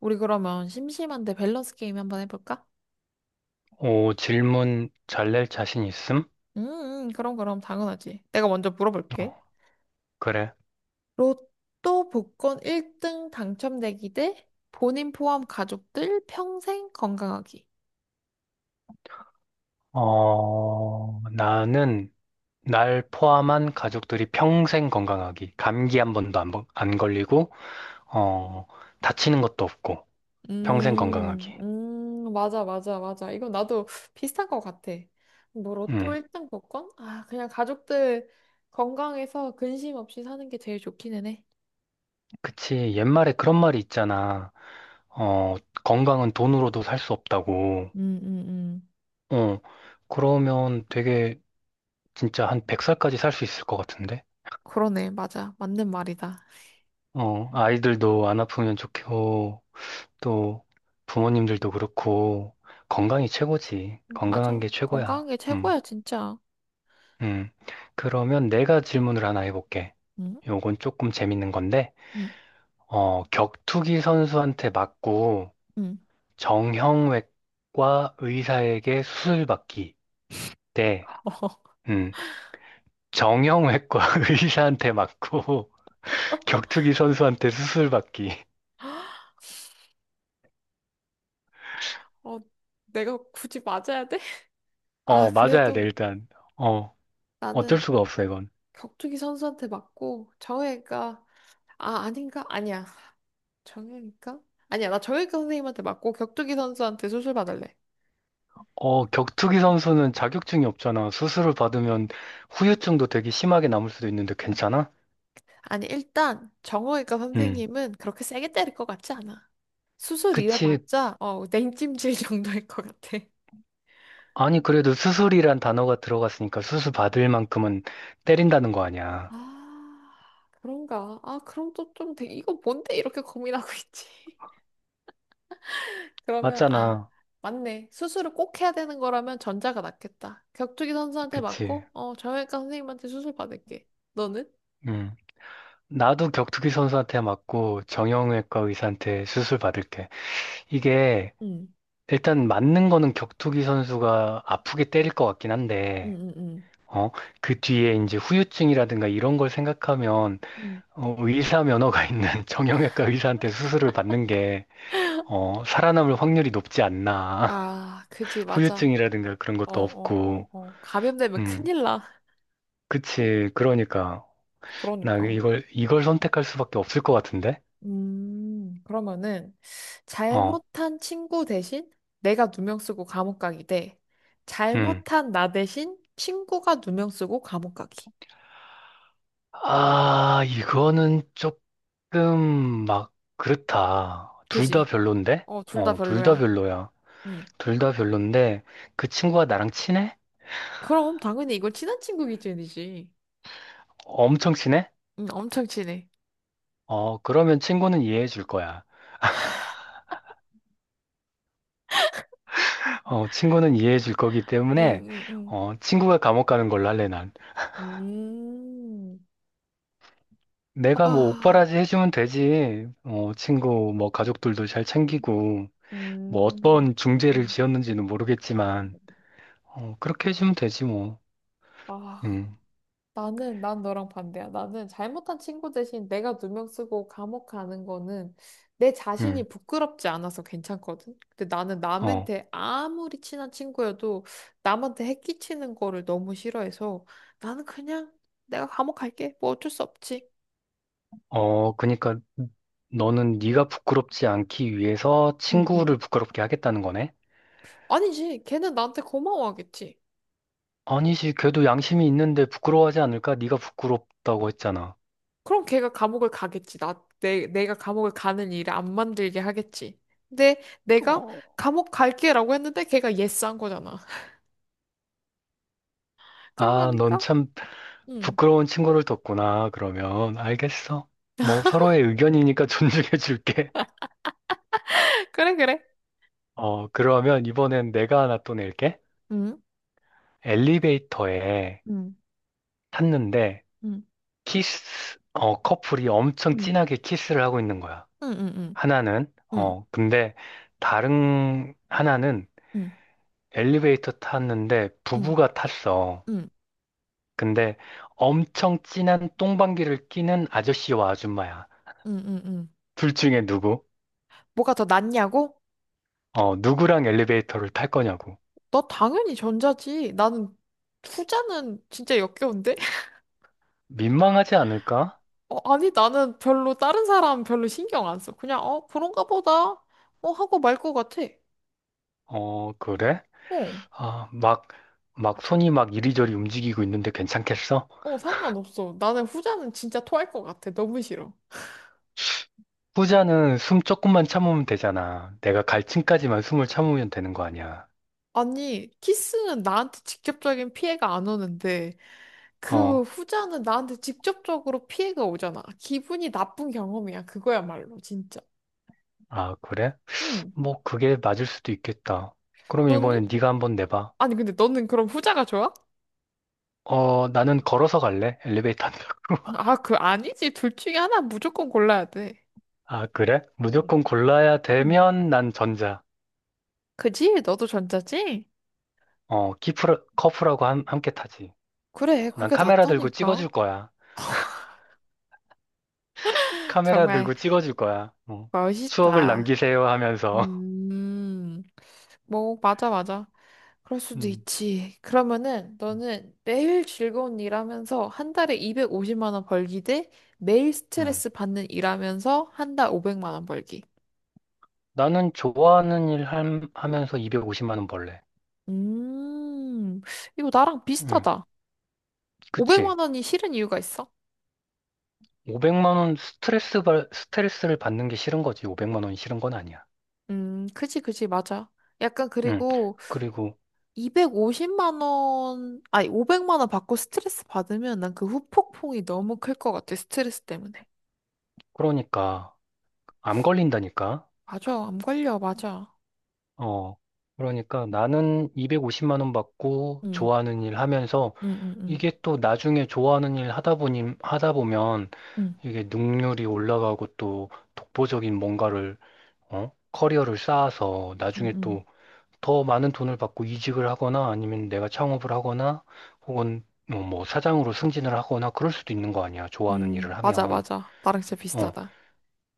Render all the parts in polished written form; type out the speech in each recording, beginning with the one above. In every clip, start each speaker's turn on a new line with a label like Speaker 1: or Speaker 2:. Speaker 1: 우리 그러면 심심한데 밸런스 게임 한번 해볼까?
Speaker 2: 오, 질문 잘 낼 자신 있음?
Speaker 1: 음, 그럼 당연하지. 내가 먼저 물어볼게.
Speaker 2: 어, 그래.
Speaker 1: 로또 복권 1등 당첨되기 대 본인 포함 가족들 평생 건강하기.
Speaker 2: 어, 나는 날 포함한 가족들이 평생 건강하기. 감기 한 번도 안 걸리고, 어, 다치는 것도 없고, 평생 건강하기.
Speaker 1: 맞아, 맞아, 맞아. 이건 나도 비슷한 것 같아. 뭐 로또
Speaker 2: 음,
Speaker 1: 1등 복권? 아, 그냥 가족들 건강해서 근심 없이 사는 게 제일 좋기는 해.
Speaker 2: 그치. 옛말에 그런 말이 있잖아. 어, 건강은 돈으로도 살 수 없다고.
Speaker 1: 음, 음, 음.
Speaker 2: 어, 그러면 되게 진짜 한 100살까지 살 수 있을 것 같은데?
Speaker 1: 그러네, 맞아. 맞는 말이다.
Speaker 2: 어, 아이들도 안 아프면 좋고, 또 부모님들도 그렇고 건강이 최고지. 건강한
Speaker 1: 맞아.
Speaker 2: 게
Speaker 1: 건강한
Speaker 2: 최고야.
Speaker 1: 게 최고야, 진짜.
Speaker 2: 음. 그러면 내가 질문을 하나 해볼게.
Speaker 1: 응?
Speaker 2: 요건 조금 재밌는 건데,
Speaker 1: 응,
Speaker 2: 어, 격투기 선수한테 맞고
Speaker 1: 응.
Speaker 2: 정형외과 의사에게 수술받기 대,
Speaker 1: 어.
Speaker 2: 음, 정형외과 의사한테 맞고 격투기 선수한테 수술받기.
Speaker 1: 어, 내가 굳이 맞아야 돼? 아,
Speaker 2: 어, 맞아야 돼,
Speaker 1: 그래도
Speaker 2: 일단. 어, 어쩔
Speaker 1: 나는
Speaker 2: 수가 없어, 이건.
Speaker 1: 격투기 선수한테 맞고 정혜가 아, 아닌가? 아니야. 정혜니까? 아니야. 나 정혜가 선생님한테 맞고 격투기 선수한테 수술 받을래.
Speaker 2: 어, 격투기 선수는 자격증이 없잖아. 수술을 받으면 후유증도 되게 심하게 남을 수도 있는데 괜찮아?
Speaker 1: 아니, 일단 정외과
Speaker 2: 응.
Speaker 1: 선생님은 그렇게 세게 때릴 것 같지 않아. 수술
Speaker 2: 그치.
Speaker 1: 이래봤자 냉찜질 정도일 것 같아.
Speaker 2: 아니, 그래도 수술이란 단어가 들어갔으니까 수술 받을 만큼은 때린다는 거 아니야.
Speaker 1: 아, 그런가? 아, 그럼 또 좀, 이거 뭔데 이렇게 고민하고 있지? 그러면, 아,
Speaker 2: 맞잖아.
Speaker 1: 맞네. 수술을 꼭 해야 되는 거라면 전자가 낫겠다. 격투기 선수한테
Speaker 2: 그치.
Speaker 1: 맞고, 정형외과 선생님한테 수술 받을게. 너는?
Speaker 2: 응. 나도 격투기 선수한테 맞고 정형외과 의사한테 수술 받을게. 이게
Speaker 1: 응,
Speaker 2: 일단 맞는 거는 격투기 선수가 아프게 때릴 것 같긴
Speaker 1: 응,
Speaker 2: 한데,
Speaker 1: 응, 응.
Speaker 2: 어, 그 뒤에 이제 후유증이라든가 이런 걸 생각하면
Speaker 1: 응
Speaker 2: 어, 의사 면허가 있는 정형외과 의사한테 수술을 받는 게, 어, 살아남을 확률이 높지 않나.
Speaker 1: 아, 그지, 맞아.
Speaker 2: 후유증이라든가 그런
Speaker 1: 어,
Speaker 2: 것도
Speaker 1: 어, 어,
Speaker 2: 없고,
Speaker 1: 어. 감염되면
Speaker 2: 음,
Speaker 1: 큰일 나.
Speaker 2: 그치. 그러니까, 나
Speaker 1: 그러니까.
Speaker 2: 이걸 선택할 수밖에 없을 것 같은데?
Speaker 1: 그러면은
Speaker 2: 어,
Speaker 1: 잘못한 친구 대신 내가 누명 쓰고 감옥 가기 대
Speaker 2: 음.
Speaker 1: 잘못한 나 대신 친구가 누명 쓰고 감옥 가기.
Speaker 2: 아, 이거는 조금 막, 그렇다. 둘
Speaker 1: 그지?
Speaker 2: 다 별론데?
Speaker 1: 어, 둘 다
Speaker 2: 어, 둘 다
Speaker 1: 별로야.
Speaker 2: 별로야. 둘 다 별론데, 그 친구가 나랑 친해?
Speaker 1: 그럼 당연히 이걸 친한 친구 기준이지.
Speaker 2: 엄청 친해?
Speaker 1: 응, 엄청 친해.
Speaker 2: 어, 그러면 친구는 이해해 줄 거야. 어, 친구는 이해해 줄 거기
Speaker 1: 응,
Speaker 2: 때문에,
Speaker 1: 응,
Speaker 2: 어, 친구가 감옥 가는 걸로 할래, 난.
Speaker 1: 응.
Speaker 2: 내가 뭐
Speaker 1: 아,
Speaker 2: 옥바라지 해주면 되지. 어, 친구, 뭐 가족들도 잘 챙기고, 뭐
Speaker 1: 음,
Speaker 2: 어떤 중죄를
Speaker 1: 음.
Speaker 2: 지었는지는 모르겠지만, 어, 그렇게 해주면 되지, 뭐.
Speaker 1: 아,
Speaker 2: 음,
Speaker 1: 난 너랑 반대야. 나는 잘못한 친구 대신 내가 누명 쓰고 감옥 가는 거는 내
Speaker 2: 음,
Speaker 1: 자신이 부끄럽지 않아서 괜찮거든. 근데 나는
Speaker 2: 어,
Speaker 1: 남한테 아무리 친한 친구여도 남한테 해끼치는 거를 너무 싫어해서 나는 그냥 내가 감옥 갈게. 뭐 어쩔 수 없지.
Speaker 2: 그니까 너는 네가 부끄럽지 않기 위해서
Speaker 1: 응응
Speaker 2: 친구를 부끄럽게 하겠다는 거네?
Speaker 1: 아니지. 걔는 나한테 고마워하겠지.
Speaker 2: 아니지, 걔도 양심이 있는데 부끄러워하지 않을까? 네가 부끄럽다고 했잖아.
Speaker 1: 그럼 걔가 감옥을 가겠지. 내가 감옥을 가는 일을 안 만들게 하겠지. 근데 내가
Speaker 2: 어,
Speaker 1: 감옥 갈게라고 했는데 걔가 예스한 거잖아. 그런
Speaker 2: 아,
Speaker 1: 거니까?
Speaker 2: 넌참
Speaker 1: 응.
Speaker 2: 부끄러운 친구를 뒀구나. 그러면 알겠어. 뭐 서로의 의견이니까 존중해 줄게.
Speaker 1: 그래, 그래.
Speaker 2: 어, 그러면 이번엔 내가 하나 또 낼게.
Speaker 1: 응,
Speaker 2: 엘리베이터에
Speaker 1: 응,
Speaker 2: 탔는데
Speaker 1: 응,
Speaker 2: 커플이 엄청
Speaker 1: 응,
Speaker 2: 진하게 키스를 하고 있는 거야.
Speaker 1: 응, 응, 응,
Speaker 2: 하나는
Speaker 1: 응,
Speaker 2: 근데 다른 하나는
Speaker 1: 응,
Speaker 2: 엘리베이터 탔는데
Speaker 1: 응,
Speaker 2: 부부가 탔어.
Speaker 1: 응, 응,
Speaker 2: 근데 엄청 진한 똥방귀를 끼는 아저씨와 아줌마야.
Speaker 1: 응. 응, 응.
Speaker 2: 둘 중에 누구?
Speaker 1: 뭐가 더 낫냐고?
Speaker 2: 어, 누구랑 엘리베이터를 탈 거냐고.
Speaker 1: 너 당연히 전자지. 나는 후자는 진짜 역겨운데?
Speaker 2: 민망하지 않을까?
Speaker 1: 어, 아니, 나는 별로 다른 사람 별로 신경 안 써. 그냥, 그런가 보다. 어, 하고 말 것 같아.
Speaker 2: 어, 그래?
Speaker 1: 어,
Speaker 2: 아, 막 손이 막 이리저리 움직이고 있는데 괜찮겠어?
Speaker 1: 어, 상관없어. 나는 후자는 진짜 토할 것 같아. 너무 싫어.
Speaker 2: 후자는 숨 조금만 참으면 되잖아. 내가 갈 층까지만 숨을 참으면 되는 거 아니야.
Speaker 1: 아니, 키스는 나한테 직접적인 피해가 안 오는데, 그
Speaker 2: 어,
Speaker 1: 후자는 나한테 직접적으로 피해가 오잖아. 기분이 나쁜 경험이야. 그거야말로, 진짜.
Speaker 2: 아, 그래?
Speaker 1: 응.
Speaker 2: 뭐, 그게 맞을 수도 있겠다. 그럼
Speaker 1: 너는?
Speaker 2: 이번엔 네가 한번 내봐.
Speaker 1: 아니, 근데 너는 그럼 후자가 좋아?
Speaker 2: 어, 나는 걸어서 갈래? 엘리베이터 안 타고.
Speaker 1: 아, 그 아니지. 둘 중에 하나 무조건 골라야 돼.
Speaker 2: 아, 그래?
Speaker 1: 응.
Speaker 2: 무조건 골라야
Speaker 1: 응.
Speaker 2: 되면 난 전자.
Speaker 1: 그지? 너도 전자지?
Speaker 2: 어, 커프라고 함께 타지.
Speaker 1: 그래,
Speaker 2: 난
Speaker 1: 그게
Speaker 2: 카메라 들고
Speaker 1: 낫다니까.
Speaker 2: 찍어줄 거야. 카메라
Speaker 1: 정말
Speaker 2: 들고 찍어줄 거야. 어. 추억을
Speaker 1: 멋있다.
Speaker 2: 남기세요 하면서.
Speaker 1: 음, 뭐, 맞아, 맞아. 그럴 수도
Speaker 2: 음.
Speaker 1: 있지. 그러면은 너는 매일 즐거운 일 하면서 한 달에 250만 원 벌기 대 매일
Speaker 2: 음.
Speaker 1: 스트레스 받는 일 하면서 한 달 500만 원 벌기.
Speaker 2: 나는 좋아하는 일 하면서 250만 원 벌래.
Speaker 1: 음, 이거 나랑
Speaker 2: 음.
Speaker 1: 비슷하다.
Speaker 2: 그치.
Speaker 1: 500만 원이 싫은 이유가 있어?
Speaker 2: 500만 원 스트레스를 받는 게 싫은 거지. 500만 원이 싫은 건 아니야.
Speaker 1: 그지, 그지, 맞아. 약간
Speaker 2: 음.
Speaker 1: 그리고
Speaker 2: 그리고
Speaker 1: 250만 원, 아니, 500만 원 받고 스트레스 받으면 난 그 후폭풍이 너무 클 것 같아, 스트레스 때문에.
Speaker 2: 그러니까 암 걸린다니까.
Speaker 1: 맞아, 암 걸려, 맞아.
Speaker 2: 어. 그러니까 나는 250만 원 받고
Speaker 1: 응,
Speaker 2: 좋아하는 일 하면서
Speaker 1: 응, 응, 응,
Speaker 2: 이게 또 나중에 좋아하는 일 하다 보면
Speaker 1: 응,
Speaker 2: 이게 능률이 올라가고 또 독보적인 뭔가를, 어? 커리어를 쌓아서
Speaker 1: 응,
Speaker 2: 나중에
Speaker 1: 응,
Speaker 2: 또 더 많은 돈을 받고 이직을 하거나 아니면 내가 창업을 하거나 혹은 어, 뭐 사장으로 승진을 하거나 그럴 수도 있는 거 아니야. 좋아하는
Speaker 1: 응,
Speaker 2: 일을
Speaker 1: 맞아,
Speaker 2: 하면.
Speaker 1: 맞아. 나랑 진짜
Speaker 2: 어,
Speaker 1: 비슷하다.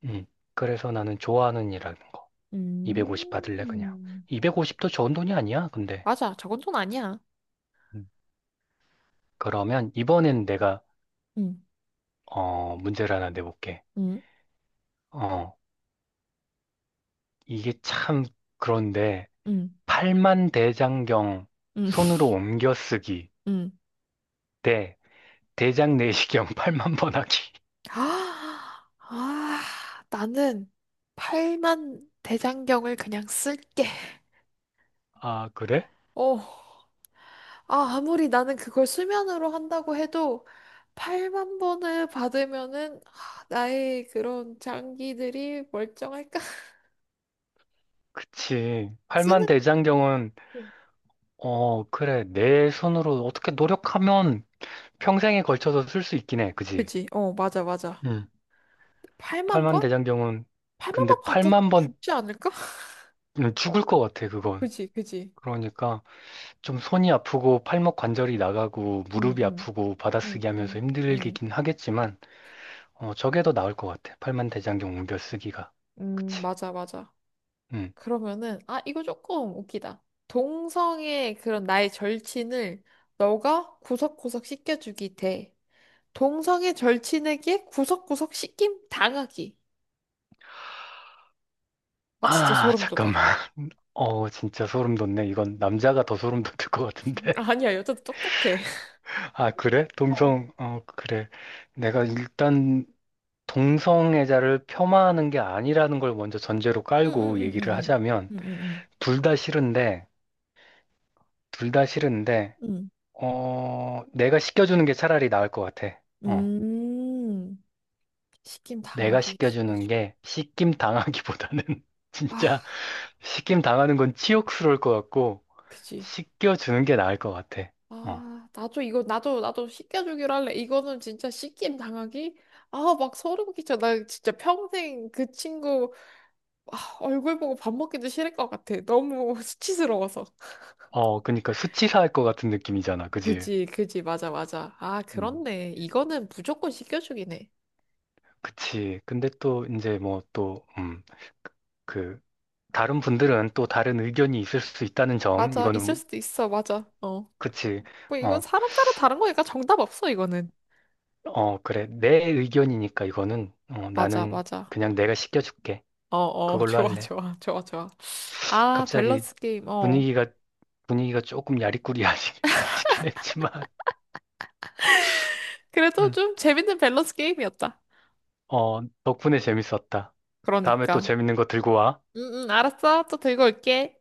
Speaker 2: 음. 그래서 나는 좋아하는 일하는 거. 250 받을래, 그냥.
Speaker 1: 음,
Speaker 2: 250도 좋은 돈이 아니야, 근데.
Speaker 1: 맞아, 저건 돈 아니야.
Speaker 2: 음. 그러면 이번엔 내가,
Speaker 1: 응,
Speaker 2: 어, 문제를 하나 내볼게.
Speaker 1: 응,
Speaker 2: 어, 이게 참 그런데
Speaker 1: 응,
Speaker 2: 팔만 대장경
Speaker 1: 응,
Speaker 2: 손으로 옮겨 쓰기
Speaker 1: 응.
Speaker 2: 대 대장 내시경 팔만번 하기.
Speaker 1: 아, 아, 나는 팔만 대장경을 그냥 쓸게.
Speaker 2: 아, 그래?
Speaker 1: 어. 아, 아무리 나는 그걸 수면으로 한다고 해도 8만 번을 받으면은 아, 나의 그런 장기들이 멀쩡할까?
Speaker 2: 그치. 팔만
Speaker 1: 쓰는
Speaker 2: 대장경은
Speaker 1: 거.
Speaker 2: 어, 그래. 내 손으로 어떻게 노력하면 평생에 걸쳐서 쓸 수 있긴 해. 그지?
Speaker 1: 그지? 어, 맞아, 맞아.
Speaker 2: 응. 팔
Speaker 1: 8만
Speaker 2: 만
Speaker 1: 번?
Speaker 2: 대장경은
Speaker 1: 8만
Speaker 2: 근데
Speaker 1: 번
Speaker 2: 팔
Speaker 1: 받아
Speaker 2: 만번
Speaker 1: 죽지 않을까?
Speaker 2: 죽을 것 같아, 그건.
Speaker 1: 그지, 그지.
Speaker 2: 그러니까 좀 손이 아프고 팔목 관절이 나가고
Speaker 1: 응,
Speaker 2: 무릎이
Speaker 1: 응,
Speaker 2: 아프고
Speaker 1: 응,
Speaker 2: 받아쓰기 하면서
Speaker 1: 응, 응,
Speaker 2: 힘들긴 하겠지만 어, 저게 더 나을 것 같아. 팔만대장경 웅변 쓰기가.
Speaker 1: 응,
Speaker 2: 그치?
Speaker 1: 맞아, 맞아.
Speaker 2: 응.
Speaker 1: 그러면은 아, 이거 조금 웃기다. 동성의 그런 나의 절친을 너가 구석구석 씻겨주기 대 동성애 절친에게 구석구석 씻김 당하기. 아, 진짜
Speaker 2: 아,
Speaker 1: 소름 돋아.
Speaker 2: 잠깐만. 어, 진짜 소름 돋네. 이건 남자가 더 소름 돋을 것 같은데.
Speaker 1: 아니야, 여자도 똑같아.
Speaker 2: 아, 그래?
Speaker 1: 어.
Speaker 2: 그래. 내가 일단 동성애자를 폄하하는 게 아니라는 걸 먼저 전제로 깔고
Speaker 1: 응응응응응.
Speaker 2: 얘기를
Speaker 1: 응응응.
Speaker 2: 하자면, 둘 다 싫은데, 둘 다 싫은데,
Speaker 1: 응. 응,
Speaker 2: 어, 내가 시켜주는 게 차라리 나을 것 같아.
Speaker 1: 응,
Speaker 2: 어,
Speaker 1: 응, 응, 응. 응. 음. 시김
Speaker 2: 내가
Speaker 1: 당하기
Speaker 2: 시켜주는
Speaker 1: 시켜주.
Speaker 2: 게 시킴 당하기보다는
Speaker 1: 아,
Speaker 2: 진짜 시킴 당하는 건 치욕스러울 것 같고,
Speaker 1: 그지.
Speaker 2: 씻겨주는 게 나을 것 같아. 어.
Speaker 1: 아, 나도 이거 나도 시켜주기로 할래. 이거는 진짜 시김 당하기. 아, 막 소름 끼쳐. 나 진짜 평생 그 친구 아, 얼굴 보고 밥 먹기도 싫을 것 같아. 너무 수치스러워서.
Speaker 2: 어, 그니까 수치사할 것 같은 느낌이잖아. 그지?
Speaker 1: 그지, 그지, 맞아, 맞아. 아,
Speaker 2: 음.
Speaker 1: 그렇네. 이거는 무조건 시켜주긴 해.
Speaker 2: 그치. 근데 또 이제 뭐 또, 그, 다른 분들은 또 다른 의견이 있을 수 있다는 점,
Speaker 1: 맞아, 있을
Speaker 2: 이거는,
Speaker 1: 수도 있어, 맞아. 어.
Speaker 2: 그치.
Speaker 1: 뭐, 이건
Speaker 2: 어,
Speaker 1: 사람 따라 다른 거니까 정답 없어, 이거는.
Speaker 2: 어, 그래. 내 의견이니까 이거는,
Speaker 1: 맞아,
Speaker 2: 나는
Speaker 1: 맞아.
Speaker 2: 그냥 내가 시켜줄게.
Speaker 1: 어, 어,
Speaker 2: 그걸로
Speaker 1: 좋아,
Speaker 2: 할래.
Speaker 1: 좋아, 좋아, 좋아. 아,
Speaker 2: 갑자기
Speaker 1: 밸런스 게임, 어.
Speaker 2: 분위기가, 분위기가 조금 야리꾸리하시긴 했지만,
Speaker 1: 그래도 좀 재밌는 밸런스 게임이었다.
Speaker 2: 어, 덕분에 재밌었다. 다음에 또
Speaker 1: 그러니까.
Speaker 2: 재밌는 거 들고 와.
Speaker 1: 응, 응, 알았어. 또 들고 올게.